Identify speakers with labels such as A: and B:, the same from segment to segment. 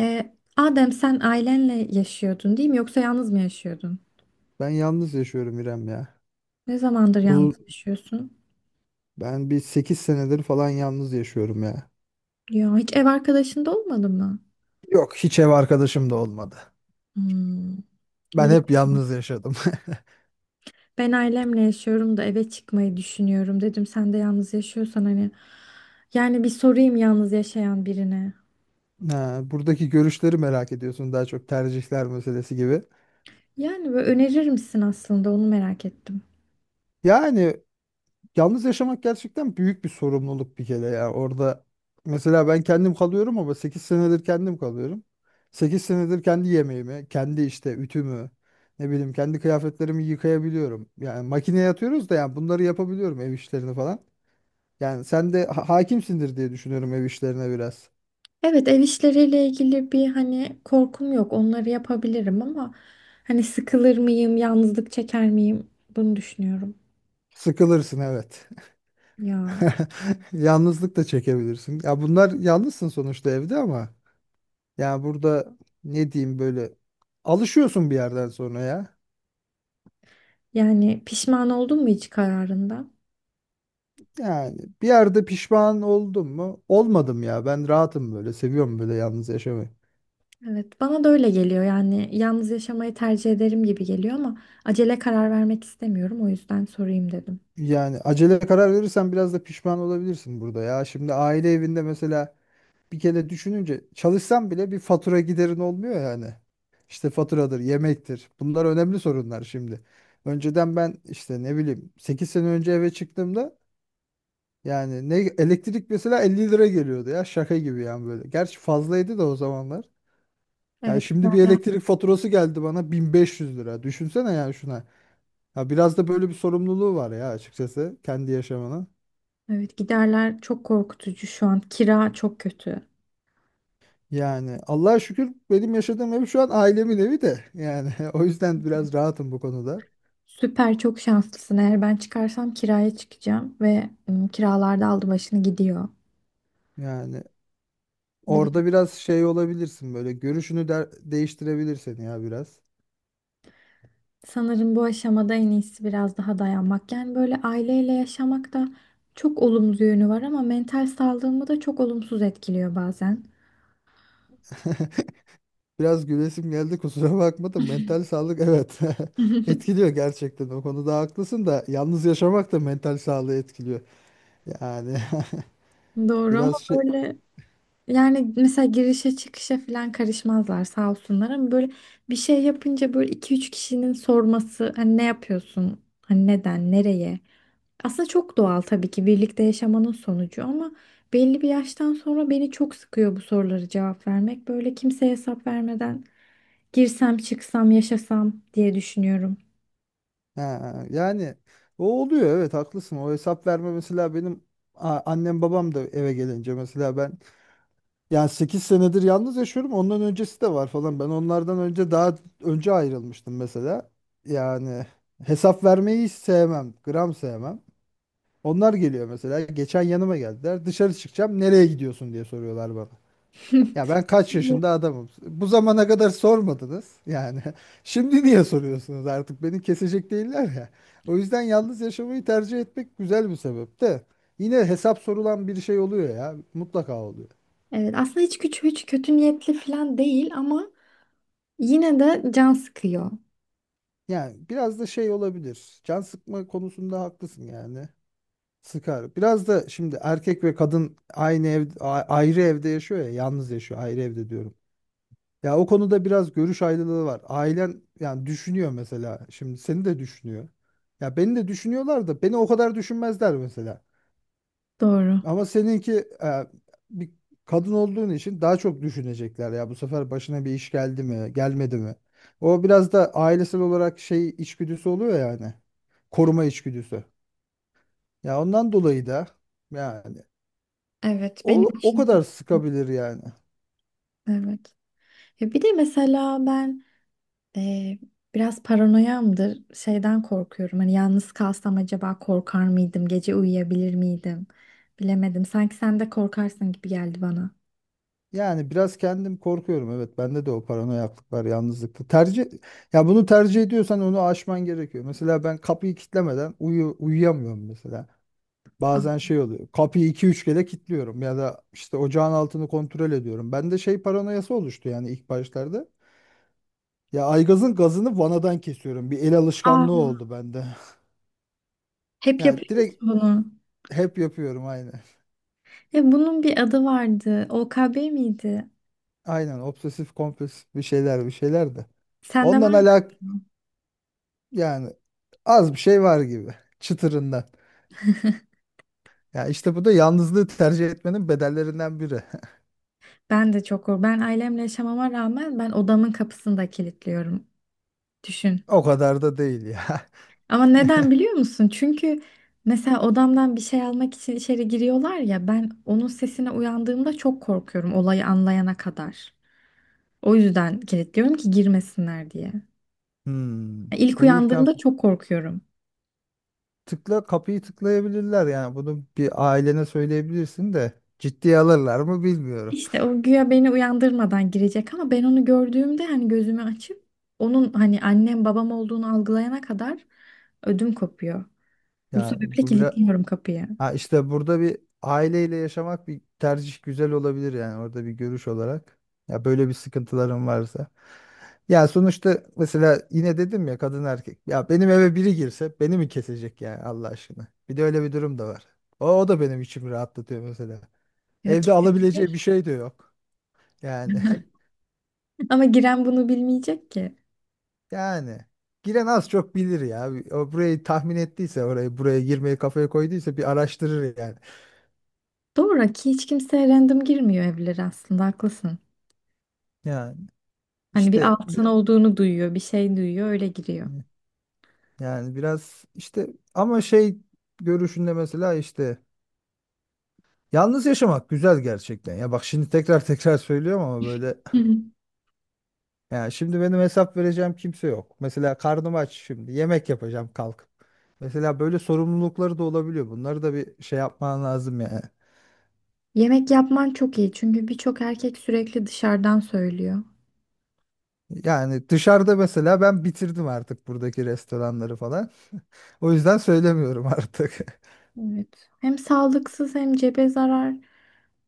A: Ee, Adem, sen ailenle yaşıyordun değil mi? Yoksa yalnız mı yaşıyordun?
B: Ben yalnız yaşıyorum İrem ya.
A: Ne zamandır yalnız
B: Bu
A: yaşıyorsun?
B: ben bir 8 senedir falan yalnız yaşıyorum ya.
A: Ya hiç ev arkadaşın da olmadı mı?
B: Yok hiç ev arkadaşım da olmadı.
A: Hmm.
B: Ben
A: Bile
B: hep yalnız yaşadım.
A: ben ailemle yaşıyorum da eve çıkmayı düşünüyorum dedim. Sen de yalnız yaşıyorsan hani yani bir sorayım yalnız yaşayan birine.
B: Ha, buradaki görüşleri merak ediyorsun, daha çok tercihler meselesi gibi.
A: Yani böyle önerir misin, aslında onu merak ettim.
B: Yani yalnız yaşamak gerçekten büyük bir sorumluluk bir kere ya. Orada mesela ben kendim kalıyorum, ama 8 senedir kendim kalıyorum. 8 senedir kendi yemeğimi, kendi işte ütümü, ne bileyim kendi kıyafetlerimi yıkayabiliyorum. Yani makineye atıyoruz da yani bunları yapabiliyorum, ev işlerini falan. Yani sen de hakimsindir diye düşünüyorum ev işlerine biraz.
A: Evet, ev işleriyle ilgili bir hani korkum yok. Onları yapabilirim ama hani sıkılır mıyım, yalnızlık çeker miyim? Bunu düşünüyorum.
B: Sıkılırsın, evet.
A: Ya.
B: Yalnızlık da çekebilirsin. Ya bunlar, yalnızsın sonuçta evde, ama yani burada ne diyeyim, böyle alışıyorsun bir yerden sonra ya.
A: Yani pişman oldun mu hiç kararında?
B: Yani bir yerde pişman oldum mu? Olmadım ya. Ben rahatım böyle. Seviyorum böyle yalnız yaşamayı.
A: Evet, bana da öyle geliyor. Yani yalnız yaşamayı tercih ederim gibi geliyor ama acele karar vermek istemiyorum. O yüzden sorayım dedim.
B: Yani acele karar verirsen biraz da pişman olabilirsin burada ya. Şimdi aile evinde mesela, bir kere düşününce, çalışsan bile bir fatura giderin olmuyor yani. İşte faturadır, yemektir. Bunlar önemli sorunlar şimdi. Önceden ben işte ne bileyim, 8 sene önce eve çıktığımda yani ne elektrik mesela, 50 lira geliyordu ya, şaka gibi yani böyle. Gerçi fazlaydı da o zamanlar. Yani
A: Evet,
B: şimdi bir
A: giderler.
B: elektrik faturası geldi bana 1500 lira. Düşünsene yani şuna. Ya biraz da böyle bir sorumluluğu var ya, açıkçası kendi yaşamına.
A: Evet, giderler çok korkutucu şu an. Kira çok kötü.
B: Yani Allah'a şükür benim yaşadığım ev şu an ailemin evi de. Yani o yüzden biraz rahatım bu konuda.
A: Süper, çok şanslısın. Eğer ben çıkarsam kiraya çıkacağım ve kiralarda aldı başını gidiyor.
B: Yani orada biraz şey olabilirsin, böyle görüşünü değiştirebilir seni ya biraz.
A: Sanırım bu aşamada en iyisi biraz daha dayanmak. Yani böyle aileyle yaşamak da çok olumlu yönü var ama mental sağlığımı da çok olumsuz etkiliyor bazen.
B: Biraz gülesim geldi, kusura bakma da, mental sağlık, evet, etkiliyor gerçekten, o konuda haklısın da yalnız yaşamak da mental sağlığı etkiliyor. Yani
A: Doğru ama
B: biraz şey.
A: böyle. Yani mesela girişe çıkışa falan karışmazlar sağ olsunlar ama böyle bir şey yapınca böyle iki üç kişinin sorması, hani ne yapıyorsun? Hani neden? Nereye? Aslında çok doğal tabii ki, birlikte yaşamanın sonucu ama belli bir yaştan sonra beni çok sıkıyor bu soruları cevap vermek. Böyle kimseye hesap vermeden girsem, çıksam, yaşasam diye düşünüyorum.
B: Ha, yani o oluyor, evet haklısın. O hesap verme mesela, benim annem babam da eve gelince mesela, ben yani 8 senedir yalnız yaşıyorum. Ondan öncesi de var falan. Ben onlardan önce daha önce ayrılmıştım mesela. Yani hesap vermeyi hiç sevmem. Gram sevmem. Onlar geliyor mesela. Geçen yanıma geldiler. Dışarı çıkacağım. Nereye gidiyorsun diye soruyorlar bana. Ya ben kaç
A: Evet.
B: yaşında adamım. Bu zamana kadar sormadınız. Yani şimdi niye soruyorsunuz artık? Beni kesecek değiller ya. O yüzden yalnız yaşamayı tercih etmek güzel bir sebep de. Yine hesap sorulan bir şey oluyor ya. Mutlaka oluyor.
A: Evet, aslında hiç küçük, hiç kötü niyetli falan değil ama yine de can sıkıyor.
B: Yani biraz da şey olabilir. Can sıkma konusunda haklısın yani. Sıkar. Biraz da şimdi erkek ve kadın aynı ev, ayrı evde yaşıyor ya. Yalnız yaşıyor. Ayrı evde diyorum. Ya o konuda biraz görüş ayrılığı var. Ailen yani düşünüyor mesela. Şimdi seni de düşünüyor. Ya beni de düşünüyorlar da beni o kadar düşünmezler mesela.
A: Doğru.
B: Ama seninki, e, bir kadın olduğun için daha çok düşünecekler ya, bu sefer başına bir iş geldi mi, gelmedi mi? O biraz da ailesel olarak şey içgüdüsü oluyor yani. Koruma içgüdüsü. Ya ondan dolayı da yani
A: Evet, benim
B: o
A: için de.
B: kadar sıkabilir yani.
A: Evet. Ya bir de mesela ben eee, biraz paranoyamdır. Şeyden korkuyorum. Hani yalnız kalsam acaba korkar mıydım? Gece uyuyabilir miydim? Bilemedim. Sanki sen de korkarsın gibi geldi bana.
B: Yani biraz kendim korkuyorum. Evet, bende de o paranoyaklık var, yalnızlıkta. Tercih, ya bunu tercih ediyorsan onu aşman gerekiyor. Mesela ben kapıyı kilitlemeden uyuyamıyorum mesela.
A: Aa.
B: Bazen şey oluyor. Kapıyı 2 3 kere kilitliyorum ya da işte ocağın altını kontrol ediyorum. Bende şey paranoyası oluştu yani ilk başlarda. Ya aygazın gazını vanadan kesiyorum. Bir el alışkanlığı oldu bende.
A: Hep
B: Ya
A: yapıyor musun
B: direkt
A: bunu?
B: hep yapıyorum aynı.
A: Ya bunun bir adı vardı. OKB miydi?
B: Aynen, aynen, obsesif kompulsif, bir şeyler bir şeyler de.
A: Sende
B: Ondan
A: var
B: alak.
A: mı?
B: Yani az bir şey var gibi, çıtırından. Ya işte bu da yalnızlığı tercih etmenin bedellerinden biri.
A: Ben de çok korkuyorum. Ben ailemle yaşamama rağmen ben odamın kapısını da kilitliyorum. Düşün.
B: O kadar da değil ya.
A: Ama neden biliyor musun? Çünkü mesela odamdan bir şey almak için içeri giriyorlar ya, ben onun sesine uyandığımda çok korkuyorum olayı anlayana kadar. O yüzden kilitliyorum ki girmesinler diye.
B: Hmm.
A: İlk
B: Uyurken
A: uyandığımda çok korkuyorum.
B: kapıyı tıklayabilirler, yani bunu bir ailene söyleyebilirsin de, ciddiye alırlar mı bilmiyorum.
A: İşte o güya beni uyandırmadan girecek ama ben onu gördüğümde hani gözümü açıp onun hani annem babam olduğunu algılayana kadar ödüm kopuyor. Bu
B: Yani
A: sebeple
B: bu biraz.
A: kilitliyorum kapıyı.
B: Ha, işte burada bir aileyle yaşamak bir tercih, güzel olabilir yani, orada bir görüş olarak. Ya böyle bir sıkıntıların varsa. Ya sonuçta mesela yine dedim ya, kadın erkek. Ya benim eve biri girse beni mi kesecek yani, Allah aşkına. Bir de öyle bir durum da var. O da benim içimi rahatlatıyor mesela.
A: Ya
B: Evde
A: kesinlikle.
B: alabileceği bir şey de yok. Yani
A: Ama giren bunu bilmeyecek ki.
B: yani giren az çok bilir ya. O burayı tahmin ettiyse, orayı, buraya girmeyi kafaya koyduysa, bir araştırır yani.
A: Doğru ki hiç kimse random girmiyor evlere, aslında haklısın.
B: Yani
A: Hani bir
B: işte bir.
A: altın olduğunu duyuyor, bir şey duyuyor, öyle giriyor.
B: Yani biraz işte, ama şey, görüşünde mesela, işte yalnız yaşamak güzel gerçekten. Ya bak şimdi tekrar tekrar söylüyorum, ama böyle
A: Hı hı.
B: yani, şimdi benim hesap vereceğim kimse yok. Mesela karnım aç, şimdi yemek yapacağım kalkıp. Mesela böyle sorumlulukları da olabiliyor. Bunları da bir şey yapman lazım yani.
A: Yemek yapman çok iyi çünkü birçok erkek sürekli dışarıdan söylüyor.
B: Yani dışarıda mesela ben bitirdim artık buradaki restoranları falan. O yüzden söylemiyorum artık.
A: Evet. Hem sağlıksız hem cebe zarar.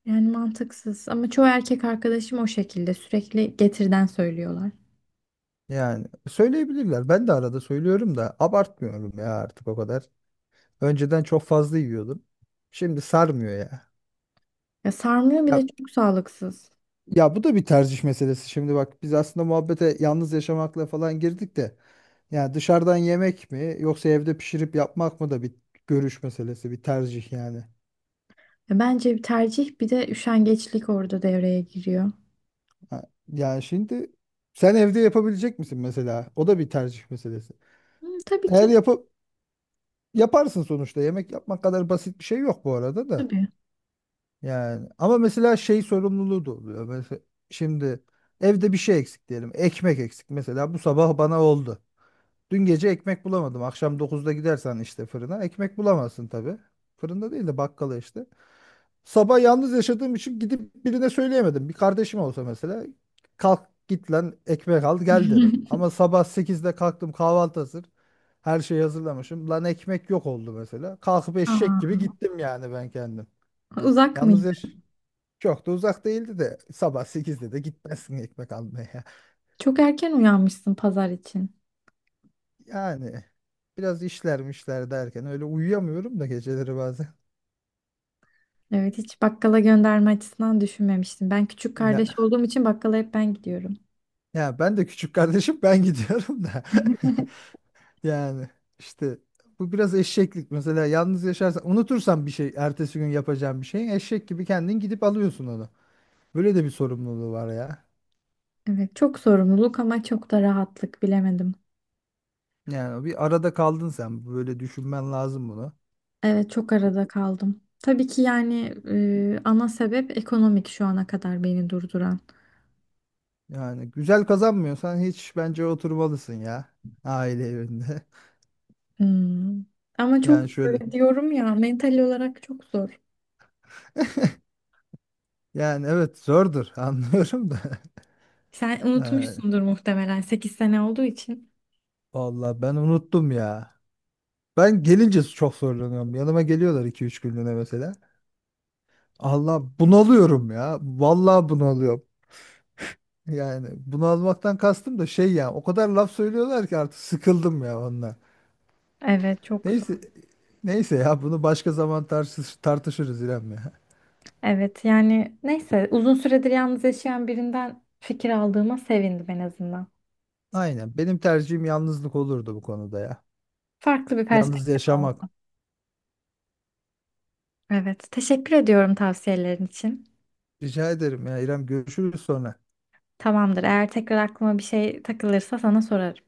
A: Yani mantıksız. Ama çoğu erkek arkadaşım o şekilde sürekli getirden söylüyorlar.
B: Yani söyleyebilirler. Ben de arada söylüyorum da, abartmıyorum ya artık o kadar. Önceden çok fazla yiyordum. Şimdi sarmıyor ya.
A: Ya sarmıyor, bir de
B: Ya,
A: çok sağlıksız.
B: ya bu da bir tercih meselesi. Şimdi bak, biz aslında muhabbete yalnız yaşamakla falan girdik de. Yani dışarıdan yemek mi yoksa evde pişirip yapmak mı da bir görüş meselesi, bir tercih yani.
A: Ya bence bir tercih, bir de üşengeçlik orada devreye giriyor.
B: Ha, yani şimdi sen evde yapabilecek misin mesela? O da bir tercih meselesi.
A: Hı, tabii
B: Eğer
A: ki.
B: yapıp, yaparsın sonuçta. Yemek yapmak kadar basit bir şey yok bu arada da.
A: Tabii.
B: Yani ama mesela şey sorumluluğu da oluyor. Mesela şimdi evde bir şey eksik diyelim. Ekmek eksik. Mesela bu sabah bana oldu. Dün gece ekmek bulamadım. Akşam 9'da gidersen işte fırına, ekmek bulamazsın tabii. Fırında değil de bakkala işte. Sabah yalnız yaşadığım için gidip birine söyleyemedim. Bir kardeşim olsa mesela, kalk git lan ekmek al gel, derim. Ama sabah 8'de kalktım, kahvaltı hazır. Her şeyi hazırlamışım. Lan ekmek yok oldu mesela. Kalkıp eşek
A: Aa,
B: gibi gittim yani ben kendim.
A: uzak
B: Yalnız
A: mıydı?
B: yaş çok da uzak değildi de sabah 8'de de gitmezsin ekmek almaya.
A: Çok erken uyanmışsın pazar için.
B: Yani biraz işlermişler derken öyle uyuyamıyorum da geceleri bazen.
A: Evet, hiç bakkala gönderme açısından düşünmemiştim. Ben küçük kardeş
B: Ya,
A: olduğum için bakkala hep ben gidiyorum.
B: ya ben de küçük kardeşim, ben gidiyorum da. Yani işte bu biraz eşeklik. Mesela yalnız yaşarsan, unutursan bir şey, ertesi gün yapacağın bir şey, eşek gibi kendin gidip alıyorsun onu. Böyle de bir sorumluluğu var ya.
A: Evet, çok sorumluluk ama çok da rahatlık, bilemedim.
B: Yani bir arada kaldın sen, böyle düşünmen lazım bunu.
A: Evet, çok arada kaldım. Tabii ki yani ana sebep ekonomik şu ana kadar beni durduran.
B: Yani güzel kazanmıyorsan hiç bence oturmalısın ya, aile evinde.
A: Hmm. Ama çok
B: Yani şöyle.
A: zor diyorum ya, mental olarak çok zor.
B: Yani evet, zordur, anlıyorum da.
A: Sen
B: Ee,
A: unutmuşsundur muhtemelen 8 sene olduğu için.
B: vallahi ben unuttum ya. Ben gelince çok zorlanıyorum. Yanıma geliyorlar 2 3 günlüğüne mesela. Allah, bunalıyorum ya. Vallahi bunalıyorum. Yani bunalmaktan kastım da şey ya. O kadar laf söylüyorlar ki, artık sıkıldım ya onunla.
A: Evet, çok zor.
B: Neyse, neyse ya, bunu başka zaman tartışırız İrem ya.
A: Evet yani neyse, uzun süredir yalnız yaşayan birinden fikir aldığıma sevindim en azından.
B: Aynen. Benim tercihim yalnızlık olurdu bu konuda ya.
A: Farklı bir
B: Yalnız
A: perspektif
B: yaşamak.
A: oldu. Evet, teşekkür ediyorum tavsiyelerin için.
B: Rica ederim ya, İrem, görüşürüz sonra.
A: Tamamdır, eğer tekrar aklıma bir şey takılırsa sana sorarım.